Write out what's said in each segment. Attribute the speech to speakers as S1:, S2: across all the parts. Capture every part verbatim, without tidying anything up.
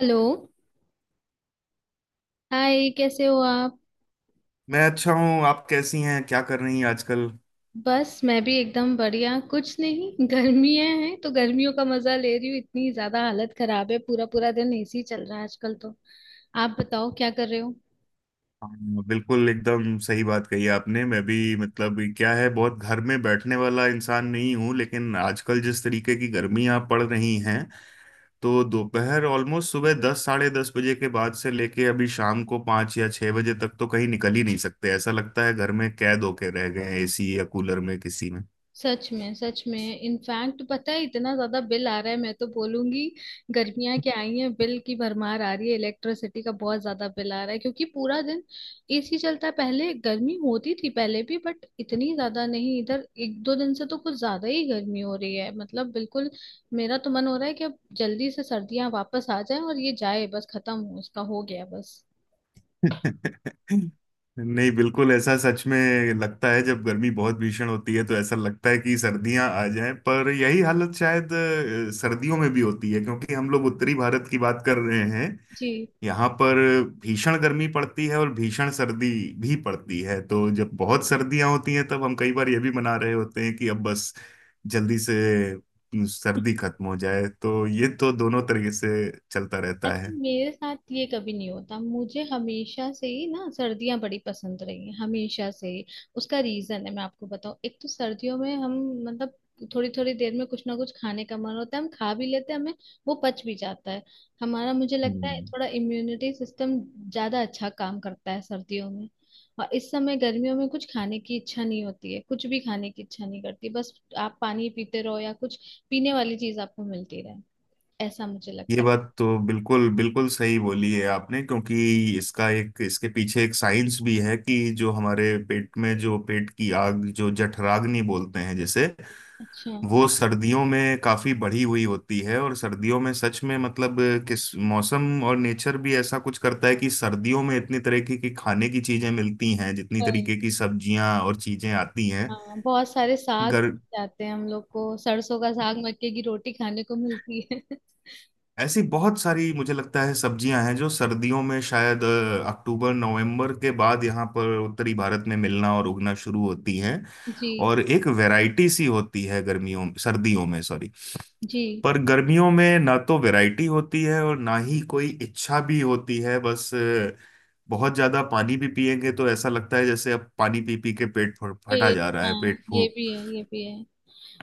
S1: Hello. Hi कैसे हो आप।
S2: मैं अच्छा हूँ, आप कैसी हैं, क्या कर रही हैं आजकल?
S1: बस मैं भी एकदम बढ़िया। कुछ नहीं, गर्मियां हैं तो गर्मियों का मजा ले रही हूँ। इतनी ज्यादा हालत खराब है, पूरा पूरा दिन एसी चल रहा है आजकल तो। आप बताओ क्या कर रहे हो।
S2: हाँ, बिल्कुल एकदम सही बात कही आपने। मैं भी, मतलब क्या है, बहुत घर में बैठने वाला इंसान नहीं हूँ, लेकिन आजकल जिस तरीके की गर्मियाँ पड़ रही हैं, तो दोपहर ऑलमोस्ट सुबह दस साढ़े दस बजे के बाद से लेके अभी शाम को पाँच या छः बजे तक तो कहीं निकल ही नहीं सकते। ऐसा लगता है घर में कैद होके रह गए हैं, एसी या कूलर में, किसी में।
S1: सच में सच में। इनफैक्ट पता है इतना ज्यादा बिल आ रहा है, मैं तो बोलूंगी गर्मियां क्या आई हैं बिल की भरमार आ रही है। इलेक्ट्रिसिटी का बहुत ज्यादा बिल आ रहा है क्योंकि पूरा दिन एसी चलता है। पहले गर्मी होती थी पहले भी बट इतनी ज्यादा नहीं। इधर एक दो दिन से तो कुछ ज्यादा ही गर्मी हो रही है, मतलब बिल्कुल। मेरा तो मन हो रहा है कि अब जल्दी से सर्दियां वापस आ जाए और ये जाए बस, खत्म हो इसका, हो गया बस।
S2: नहीं, बिल्कुल ऐसा सच में लगता है। जब गर्मी बहुत भीषण होती है तो ऐसा लगता है कि सर्दियां आ जाएं, पर यही हालत शायद अ, सर्दियों में भी होती है, क्योंकि हम लोग उत्तरी भारत की बात कर रहे हैं।
S1: जी।
S2: यहाँ पर भीषण गर्मी पड़ती है और भीषण सर्दी भी पड़ती है, तो जब बहुत सर्दियां होती हैं तब हम कई बार ये भी मना रहे होते हैं कि अब बस जल्दी से सर्दी खत्म हो जाए। तो ये तो दोनों तरीके से चलता रहता
S1: अच्छा
S2: है।
S1: मेरे साथ ये कभी नहीं होता। मुझे हमेशा से ही ना सर्दियां बड़ी पसंद रही हैं, हमेशा से ही। उसका रीजन है, मैं आपको बताऊं। एक तो सर्दियों में हम मतलब थोड़ी थोड़ी देर में कुछ ना कुछ खाने का मन होता है, हम खा भी लेते हैं, हमें वो पच भी जाता है। हमारा मुझे लगता है
S2: हम्म।
S1: थोड़ा इम्यूनिटी सिस्टम ज्यादा अच्छा काम करता है सर्दियों में। और इस समय गर्मियों में कुछ खाने की इच्छा नहीं होती है, कुछ भी खाने की इच्छा नहीं करती, बस आप पानी पीते रहो या कुछ पीने वाली चीज आपको मिलती रहे। ऐसा मुझे
S2: ये
S1: लगता है।
S2: बात तो बिल्कुल बिल्कुल सही बोली है आपने, क्योंकि इसका एक, इसके पीछे एक साइंस भी है कि जो हमारे पेट में जो पेट की आग जो जठराग्नि बोलते हैं, जैसे
S1: अच्छा।
S2: वो सर्दियों में काफी बढ़ी हुई होती है। और सर्दियों में सच में, मतलब किस मौसम और नेचर भी ऐसा कुछ करता है कि सर्दियों में इतनी तरह की की खाने की चीजें मिलती हैं, जितनी
S1: वही,
S2: तरीके की सब्जियां और चीजें आती हैं।
S1: हाँ बहुत सारे साग
S2: गर,
S1: जाते हैं। हम लोग को सरसों का साग मक्के की रोटी खाने को मिलती है
S2: ऐसी बहुत सारी, मुझे लगता है, सब्जियां हैं जो सर्दियों में शायद अ, अक्टूबर नवंबर के बाद यहाँ पर उत्तरी भारत में मिलना और उगना शुरू होती हैं,
S1: जी
S2: और एक वैरायटी सी होती है गर्मियों, सर्दियों में, सॉरी।
S1: जी।
S2: पर गर्मियों में ना तो वैरायटी होती है और ना ही कोई इच्छा भी होती है। बस अ, बहुत ज्यादा पानी भी पिएंगे तो ऐसा लगता है जैसे अब पानी पी पी के पेट फ- फटा
S1: खेत,
S2: जा रहा है,
S1: हाँ
S2: पेट
S1: ये
S2: फूक।
S1: भी है ये भी है।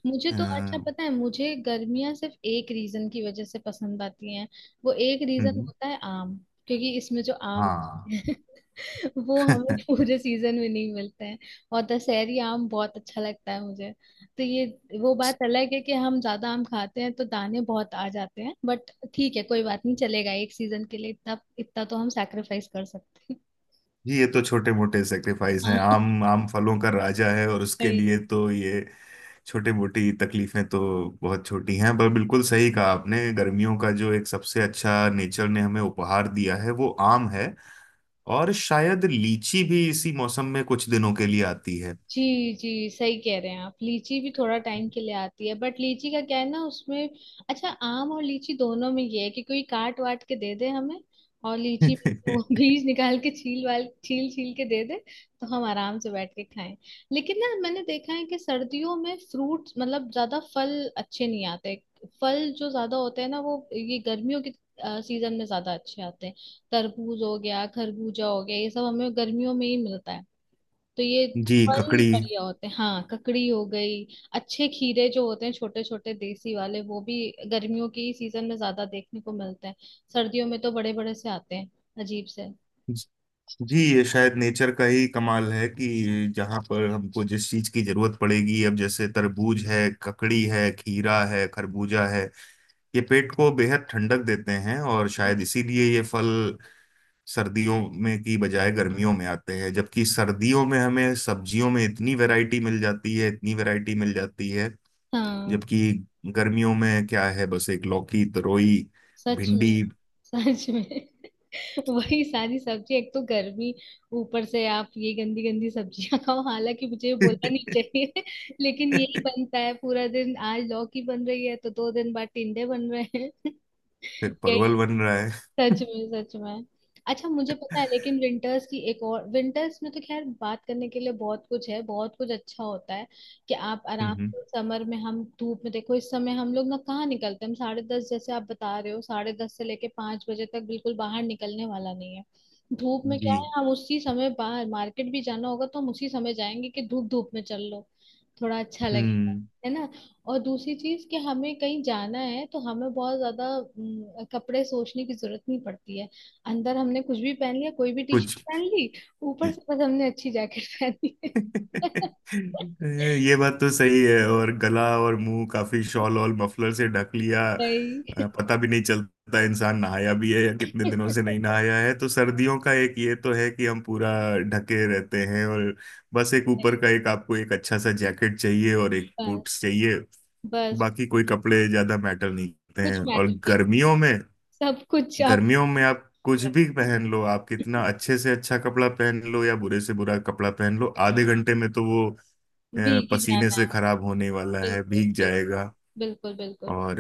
S1: मुझे
S2: अ,
S1: तो अच्छा
S2: हम्म।
S1: पता है, मुझे गर्मियाँ सिर्फ एक रीजन की वजह से पसंद आती हैं। वो एक रीजन होता है आम, क्योंकि इसमें जो आम
S2: हाँ।
S1: वो हमें पूरे सीजन में नहीं मिलते हैं। और दशहरी आम बहुत अच्छा लगता है मुझे। तो ये वो बात अलग है कि हम ज्यादा आम खाते हैं तो दाने बहुत आ जाते हैं, बट ठीक है, कोई बात नहीं, चलेगा एक सीजन के लिए। इतना इतना तो हम सैक्रिफाइस कर सकते हैं।
S2: जी, ये तो छोटे मोटे सेक्रीफाइस हैं। आम, आम फलों का राजा है, और उसके
S1: हाँ,
S2: लिए तो ये छोटे मोटी तकलीफें तो बहुत छोटी हैं। पर बिल्कुल सही कहा आपने, गर्मियों का जो एक सबसे अच्छा नेचर ने हमें उपहार दिया है वो आम है, और शायद लीची भी इसी मौसम में कुछ दिनों के लिए आती है।
S1: जी जी। सही कह रहे हैं आप, लीची भी थोड़ा टाइम के लिए आती है। बट लीची का क्या है ना, उसमें अच्छा, आम और लीची दोनों में ये है कि कोई काट वाट के दे दे हमें, और लीची में से वो बीज निकाल के छील वाल छील छील के दे दे, तो हम आराम से बैठ के खाएं। लेकिन ना, मैंने देखा है कि सर्दियों में फ्रूट्स मतलब ज्यादा फल अच्छे नहीं आते। फल जो ज्यादा होते हैं ना, वो ये गर्मियों के सीजन में ज्यादा अच्छे आते हैं। तरबूज हो गया, खरबूजा हो गया, ये सब हमें गर्मियों में ही मिलता है। तो ये
S2: जी,
S1: फल
S2: ककड़ी।
S1: बढ़िया होते हैं। हाँ, ककड़ी हो गई, अच्छे खीरे जो होते हैं छोटे छोटे देसी वाले वो भी गर्मियों की सीजन में ज्यादा देखने को मिलते हैं। सर्दियों में तो बड़े बड़े से आते हैं, अजीब से।
S2: जी, ये शायद नेचर का ही कमाल है कि जहाँ पर हमको जिस चीज की जरूरत पड़ेगी, अब जैसे तरबूज है, ककड़ी है, खीरा है, खरबूजा है, ये पेट को बेहद ठंडक देते हैं, और शायद
S1: जी।
S2: इसीलिए ये फल सर्दियों में की बजाय गर्मियों में आते हैं। जबकि सर्दियों में हमें सब्जियों में इतनी वैरायटी मिल जाती है, इतनी वैरायटी मिल जाती है,
S1: हाँ
S2: जबकि गर्मियों में क्या है? बस एक लौकी, तरोई,
S1: सच
S2: भिंडी।
S1: में सच में वही सारी सब्जी, एक तो गर्मी, ऊपर से आप ये गंदी गंदी सब्जियां खाओ, हालांकि मुझे ये बोलना नहीं चाहिए लेकिन यही बनता है पूरा दिन, आज लौकी बन रही है तो दो दिन बाद टिंडे बन रहे हैं
S2: फिर
S1: या
S2: परवल बन रहा है।
S1: सच में सच में। अच्छा मुझे पता है, लेकिन विंटर्स की एक और विंटर्स में तो खैर बात करने के लिए बहुत कुछ है, बहुत कुछ अच्छा होता है कि आप आराम
S2: हम्म।
S1: से समर में हम धूप में, देखो इस समय हम लोग ना कहाँ निकलते हैं, हम साढ़े दस, जैसे आप बता रहे हो साढ़े दस से लेके पांच बजे तक बिल्कुल बाहर निकलने वाला नहीं है। धूप में
S2: जी।
S1: क्या है, हम उसी समय बाहर मार्केट भी जाना होगा तो हम उसी समय जाएंगे कि धूप धूप में चल लो, थोड़ा अच्छा लगेगा,
S2: हम्म।
S1: है ना। और दूसरी चीज कि हमें कहीं जाना है तो हमें बहुत ज्यादा हम्म, कपड़े सोचने की जरूरत नहीं पड़ती है। अंदर हमने कुछ भी पहन लिया, कोई भी टी शर्ट
S2: कुछ।
S1: पहन ली, ऊपर से बस हमने अच्छी जैकेट पहनी है
S2: ये बात तो सही है, और गला और मुंह काफी शॉल और मफलर से ढक लिया, अ,
S1: नहीं
S2: पता भी नहीं चलता इंसान नहाया भी है या कितने दिनों से नहीं नहाया है। तो सर्दियों का एक ये तो है कि हम पूरा ढके रहते हैं, और बस एक ऊपर का, एक आपको एक अच्छा सा जैकेट चाहिए और एक
S1: नहीं,
S2: बूट्स चाहिए,
S1: बस बस।
S2: बाकी कोई कपड़े ज्यादा मैटर नहीं करते
S1: कुछ
S2: हैं। और
S1: मैटर नहीं।
S2: गर्मियों में,
S1: सब कुछ आप
S2: गर्मियों में आप कुछ भी पहन लो, आप कितना अच्छे से अच्छा कपड़ा पहन लो या बुरे से बुरा कपड़ा पहन लो, आधे घंटे में तो वो अ,
S1: भीगी
S2: पसीने
S1: जाना
S2: से
S1: है।
S2: खराब होने वाला है,
S1: बिल्कुल
S2: भीग
S1: बिल्कुल
S2: जाएगा।
S1: बिल्कुल बिल्कुल।
S2: और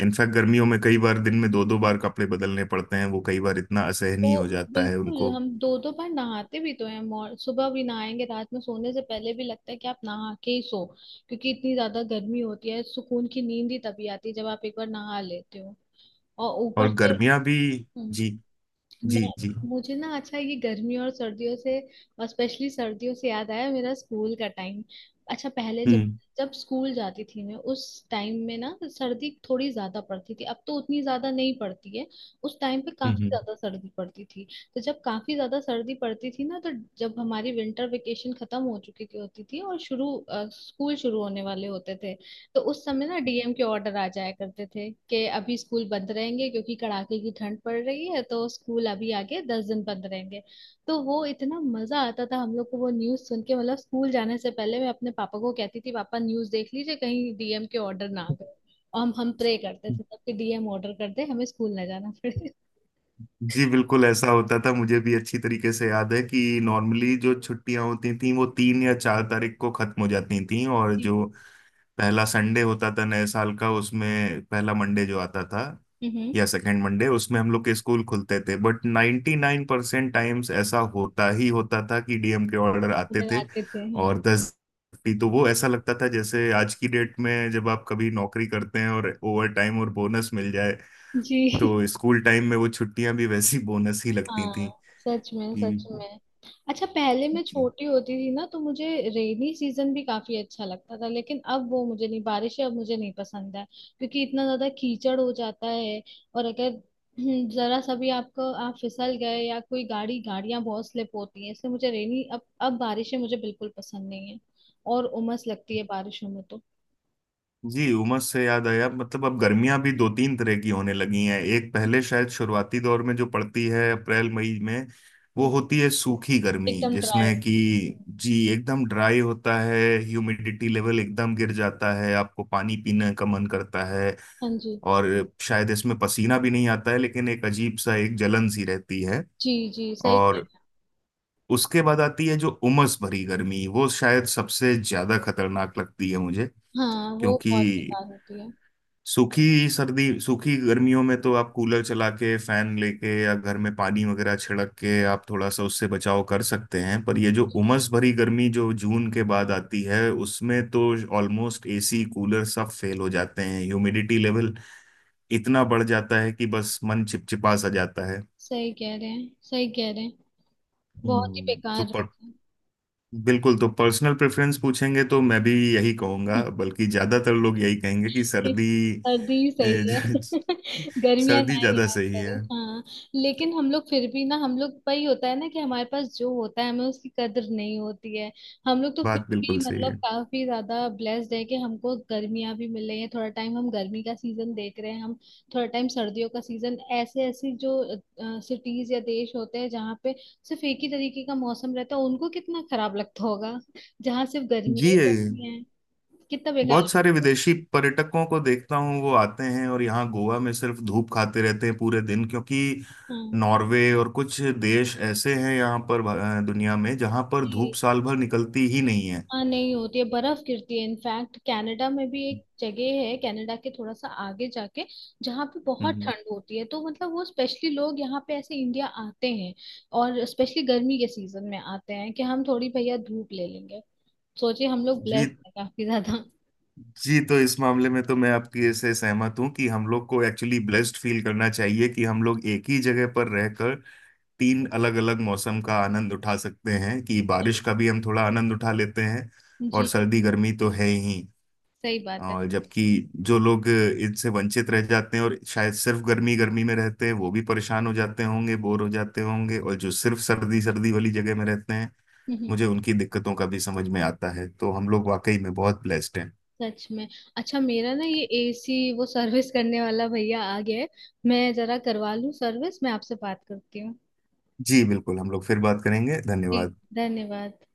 S2: इनफैक्ट गर्मियों में कई बार दिन में दो दो बार कपड़े बदलने पड़ते हैं, वो कई बार इतना असहनीय
S1: तो
S2: हो जाता है
S1: बिल्कुल
S2: उनको।
S1: हम दो दो बार नहाते भी तो हैं, मॉर सुबह भी नहाएंगे रात में सोने से पहले भी लगता है कि आप नहा के ही सो, क्योंकि इतनी ज्यादा गर्मी होती है। सुकून की नींद ही तभी आती है जब आप एक बार नहा लेते हो। और ऊपर
S2: और
S1: से
S2: गर्मियां भी।
S1: हम्म।
S2: जी। जी।
S1: मैं
S2: जी।
S1: मुझे ना अच्छा ये गर्मी और सर्दियों से, और स्पेशली सर्दियों से याद आया मेरा स्कूल का टाइम। अच्छा पहले जब
S2: हम्म।
S1: जब स्कूल जाती थी मैं, उस टाइम में ना सर्दी थोड़ी ज्यादा पड़ती थी, अब तो उतनी ज्यादा नहीं पड़ती है, उस टाइम पे
S2: हम्म।
S1: काफी
S2: हम्म।
S1: ज्यादा सर्दी पड़ती थी। तो जब काफी ज्यादा सर्दी पड़ती थी ना, तो जब हमारी विंटर वेकेशन खत्म हो चुकी थी होती थी और शुरू अ, स्कूल शुरू होने वाले होते थे, तो उस समय ना डीएम के ऑर्डर आ जाया करते थे कि अभी स्कूल बंद रहेंगे क्योंकि कड़ाके की ठंड पड़ रही है तो स्कूल अभी आगे दस दिन बंद रहेंगे। तो वो इतना मजा आता था हम लोग को वो न्यूज सुन के, मतलब स्कूल जाने से पहले मैं अपने पापा को कहती थी पापा न्यूज देख लीजिए कहीं डीएम के ऑर्डर ना आ गए। और हम हम प्रे करते थे तब कि डीएम ऑर्डर कर दे हमें स्कूल ना जाना पड़े।
S2: जी, बिल्कुल ऐसा होता था, मुझे भी अच्छी तरीके से याद है कि नॉर्मली जो छुट्टियां होती थी वो तीन या चार तारीख को खत्म हो जाती थी, और
S1: जी।
S2: जो पहला संडे होता था नए साल का, उसमें पहला मंडे जो आता था
S1: हम्म
S2: या सेकंड मंडे, उसमें हम लोग के स्कूल खुलते थे, बट 99% परसेंट टाइम्स ऐसा होता ही होता था कि डीएम के ऑर्डर आते
S1: ऑर्डर
S2: थे,
S1: आते थे हाँ।
S2: और दस, तो वो ऐसा लगता था जैसे आज की डेट में जब आप कभी नौकरी करते हैं और ओवर टाइम और बोनस मिल जाए,
S1: जी।
S2: तो स्कूल टाइम में वो छुट्टियां भी वैसी बोनस ही लगती थी,
S1: हाँ सच में सच
S2: कि।
S1: में। अच्छा पहले मैं
S2: जी।
S1: छोटी होती थी ना तो मुझे रेनी सीजन भी काफी अच्छा लगता था, लेकिन अब वो मुझे नहीं, बारिश अब मुझे नहीं पसंद है क्योंकि इतना ज्यादा कीचड़ हो जाता है। और अगर हम्म, जरा सा भी आपको आप फिसल गए या कोई गाड़ी गाड़ियां बहुत स्लिप होती हैं, इसलिए मुझे रेनी अब अब बारिशें मुझे बिल्कुल पसंद नहीं है। और उमस लगती है बारिशों में तो।
S2: जी, उमस से याद आया, मतलब अब गर्मियां भी दो तीन तरह की होने लगी हैं। एक पहले शायद शुरुआती दौर में जो पड़ती है अप्रैल मई में, वो
S1: हम्म,
S2: होती है सूखी गर्मी,
S1: एकदम ड्राई।
S2: जिसमें कि। जी एकदम ड्राई होता है। ह्यूमिडिटी लेवल एकदम गिर जाता है, आपको पानी पीने का मन करता है,
S1: हाँ जी
S2: और शायद इसमें पसीना भी नहीं आता है, लेकिन एक अजीब सा एक जलन सी रहती है।
S1: जी। जी सही कह
S2: और
S1: रहे
S2: उसके बाद आती है जो उमस भरी गर्मी, वो शायद सबसे ज्यादा खतरनाक लगती है मुझे,
S1: हैं। हाँ वो
S2: क्योंकि
S1: बहुत बेकार होती है।
S2: सूखी सर्दी, सूखी गर्मियों में तो आप कूलर चला के फैन लेके या घर में पानी वगैरह छिड़क के आप थोड़ा सा उससे बचाव कर सकते हैं, पर ये जो उमस भरी गर्मी जो जून के बाद आती है, उसमें तो ऑलमोस्ट एसी कूलर सब फेल हो जाते हैं, ह्यूमिडिटी लेवल इतना बढ़ जाता है कि बस मन चिपचिपा सा जाता है।
S1: सही कह रहे हैं सही कह रहे हैं, बहुत ही
S2: हम्म तो
S1: बेकार
S2: पर,
S1: रहता है।
S2: बिल्कुल, तो पर्सनल प्रेफरेंस पूछेंगे तो मैं भी यही कहूंगा, बल्कि ज्यादातर लोग यही कहेंगे कि
S1: किस
S2: सर्दी,
S1: सर्दी ही
S2: ए,
S1: सही है
S2: ज-
S1: गर्मियां ना
S2: सर्दी
S1: ही
S2: ज्यादा
S1: आया
S2: सही
S1: करे,
S2: है।
S1: हाँ। लेकिन हम लोग फिर भी ना, हम लोग वही होता है ना कि हमारे पास जो होता है हमें उसकी कदर नहीं होती है। हम लोग तो फिर
S2: बात बिल्कुल
S1: भी
S2: सही
S1: मतलब
S2: है।
S1: काफी ज्यादा ब्लेस्ड है कि हमको गर्मियां भी मिल रही हैं, थोड़ा टाइम हम गर्मी का सीजन देख रहे हैं हम, थोड़ा टाइम सर्दियों का सीजन। ऐसे ऐसे जो सिटीज या देश होते हैं जहाँ पे सिर्फ एक ही तरीके का मौसम रहता है, उनको कितना खराब लगता होगा जहाँ सिर्फ गर्मियां
S2: जी,
S1: ही
S2: ये
S1: रहती हैं, कितना बेकार।
S2: बहुत सारे विदेशी पर्यटकों को देखता हूँ, वो आते हैं और यहाँ गोवा में सिर्फ धूप खाते रहते हैं पूरे दिन, क्योंकि
S1: हाँ
S2: नॉर्वे और कुछ देश ऐसे हैं यहाँ पर अ, दुनिया में, जहाँ पर धूप
S1: जी।
S2: साल भर निकलती ही नहीं है।
S1: हाँ नहीं होती है, बर्फ गिरती है। इनफैक्ट कनाडा में भी एक जगह है, कनाडा के थोड़ा सा आगे जाके जहाँ पे बहुत
S2: हम्म।
S1: ठंड होती है, तो मतलब वो स्पेशली लोग यहाँ पे ऐसे इंडिया आते हैं, और स्पेशली गर्मी के सीजन में आते हैं कि हम थोड़ी भैया धूप ले लेंगे। सोचिए हम लोग ब्लेस्ड
S2: जी।
S1: हैं काफी ज्यादा
S2: जी, तो इस मामले में तो मैं आपकी से सहमत हूँ कि हम लोग को एक्चुअली ब्लेस्ड फील करना चाहिए कि हम लोग एक ही जगह पर रहकर तीन अलग अलग मौसम का आनंद उठा सकते हैं, कि बारिश का भी हम थोड़ा आनंद उठा लेते हैं और
S1: जी
S2: सर्दी गर्मी तो है ही,
S1: सही बात है।
S2: और जबकि जो लोग इनसे वंचित रह जाते हैं और शायद सिर्फ गर्मी गर्मी में रहते हैं वो भी परेशान हो जाते होंगे, बोर हो जाते होंगे, और जो सिर्फ सर्दी सर्दी वाली जगह में रहते हैं,
S1: हम्म, हम्म,
S2: मुझे उनकी दिक्कतों का भी समझ में आता है, तो हम लोग वाकई में बहुत ब्लेस्ड हैं।
S1: सच में। अच्छा मेरा ना ये एसी वो सर्विस करने वाला भैया आ गया है, मैं जरा करवा लूँ सर्विस। मैं आपसे बात करती हूँ।
S2: जी, बिल्कुल, हम लोग फिर बात करेंगे,
S1: जी
S2: धन्यवाद।
S1: धन्यवाद।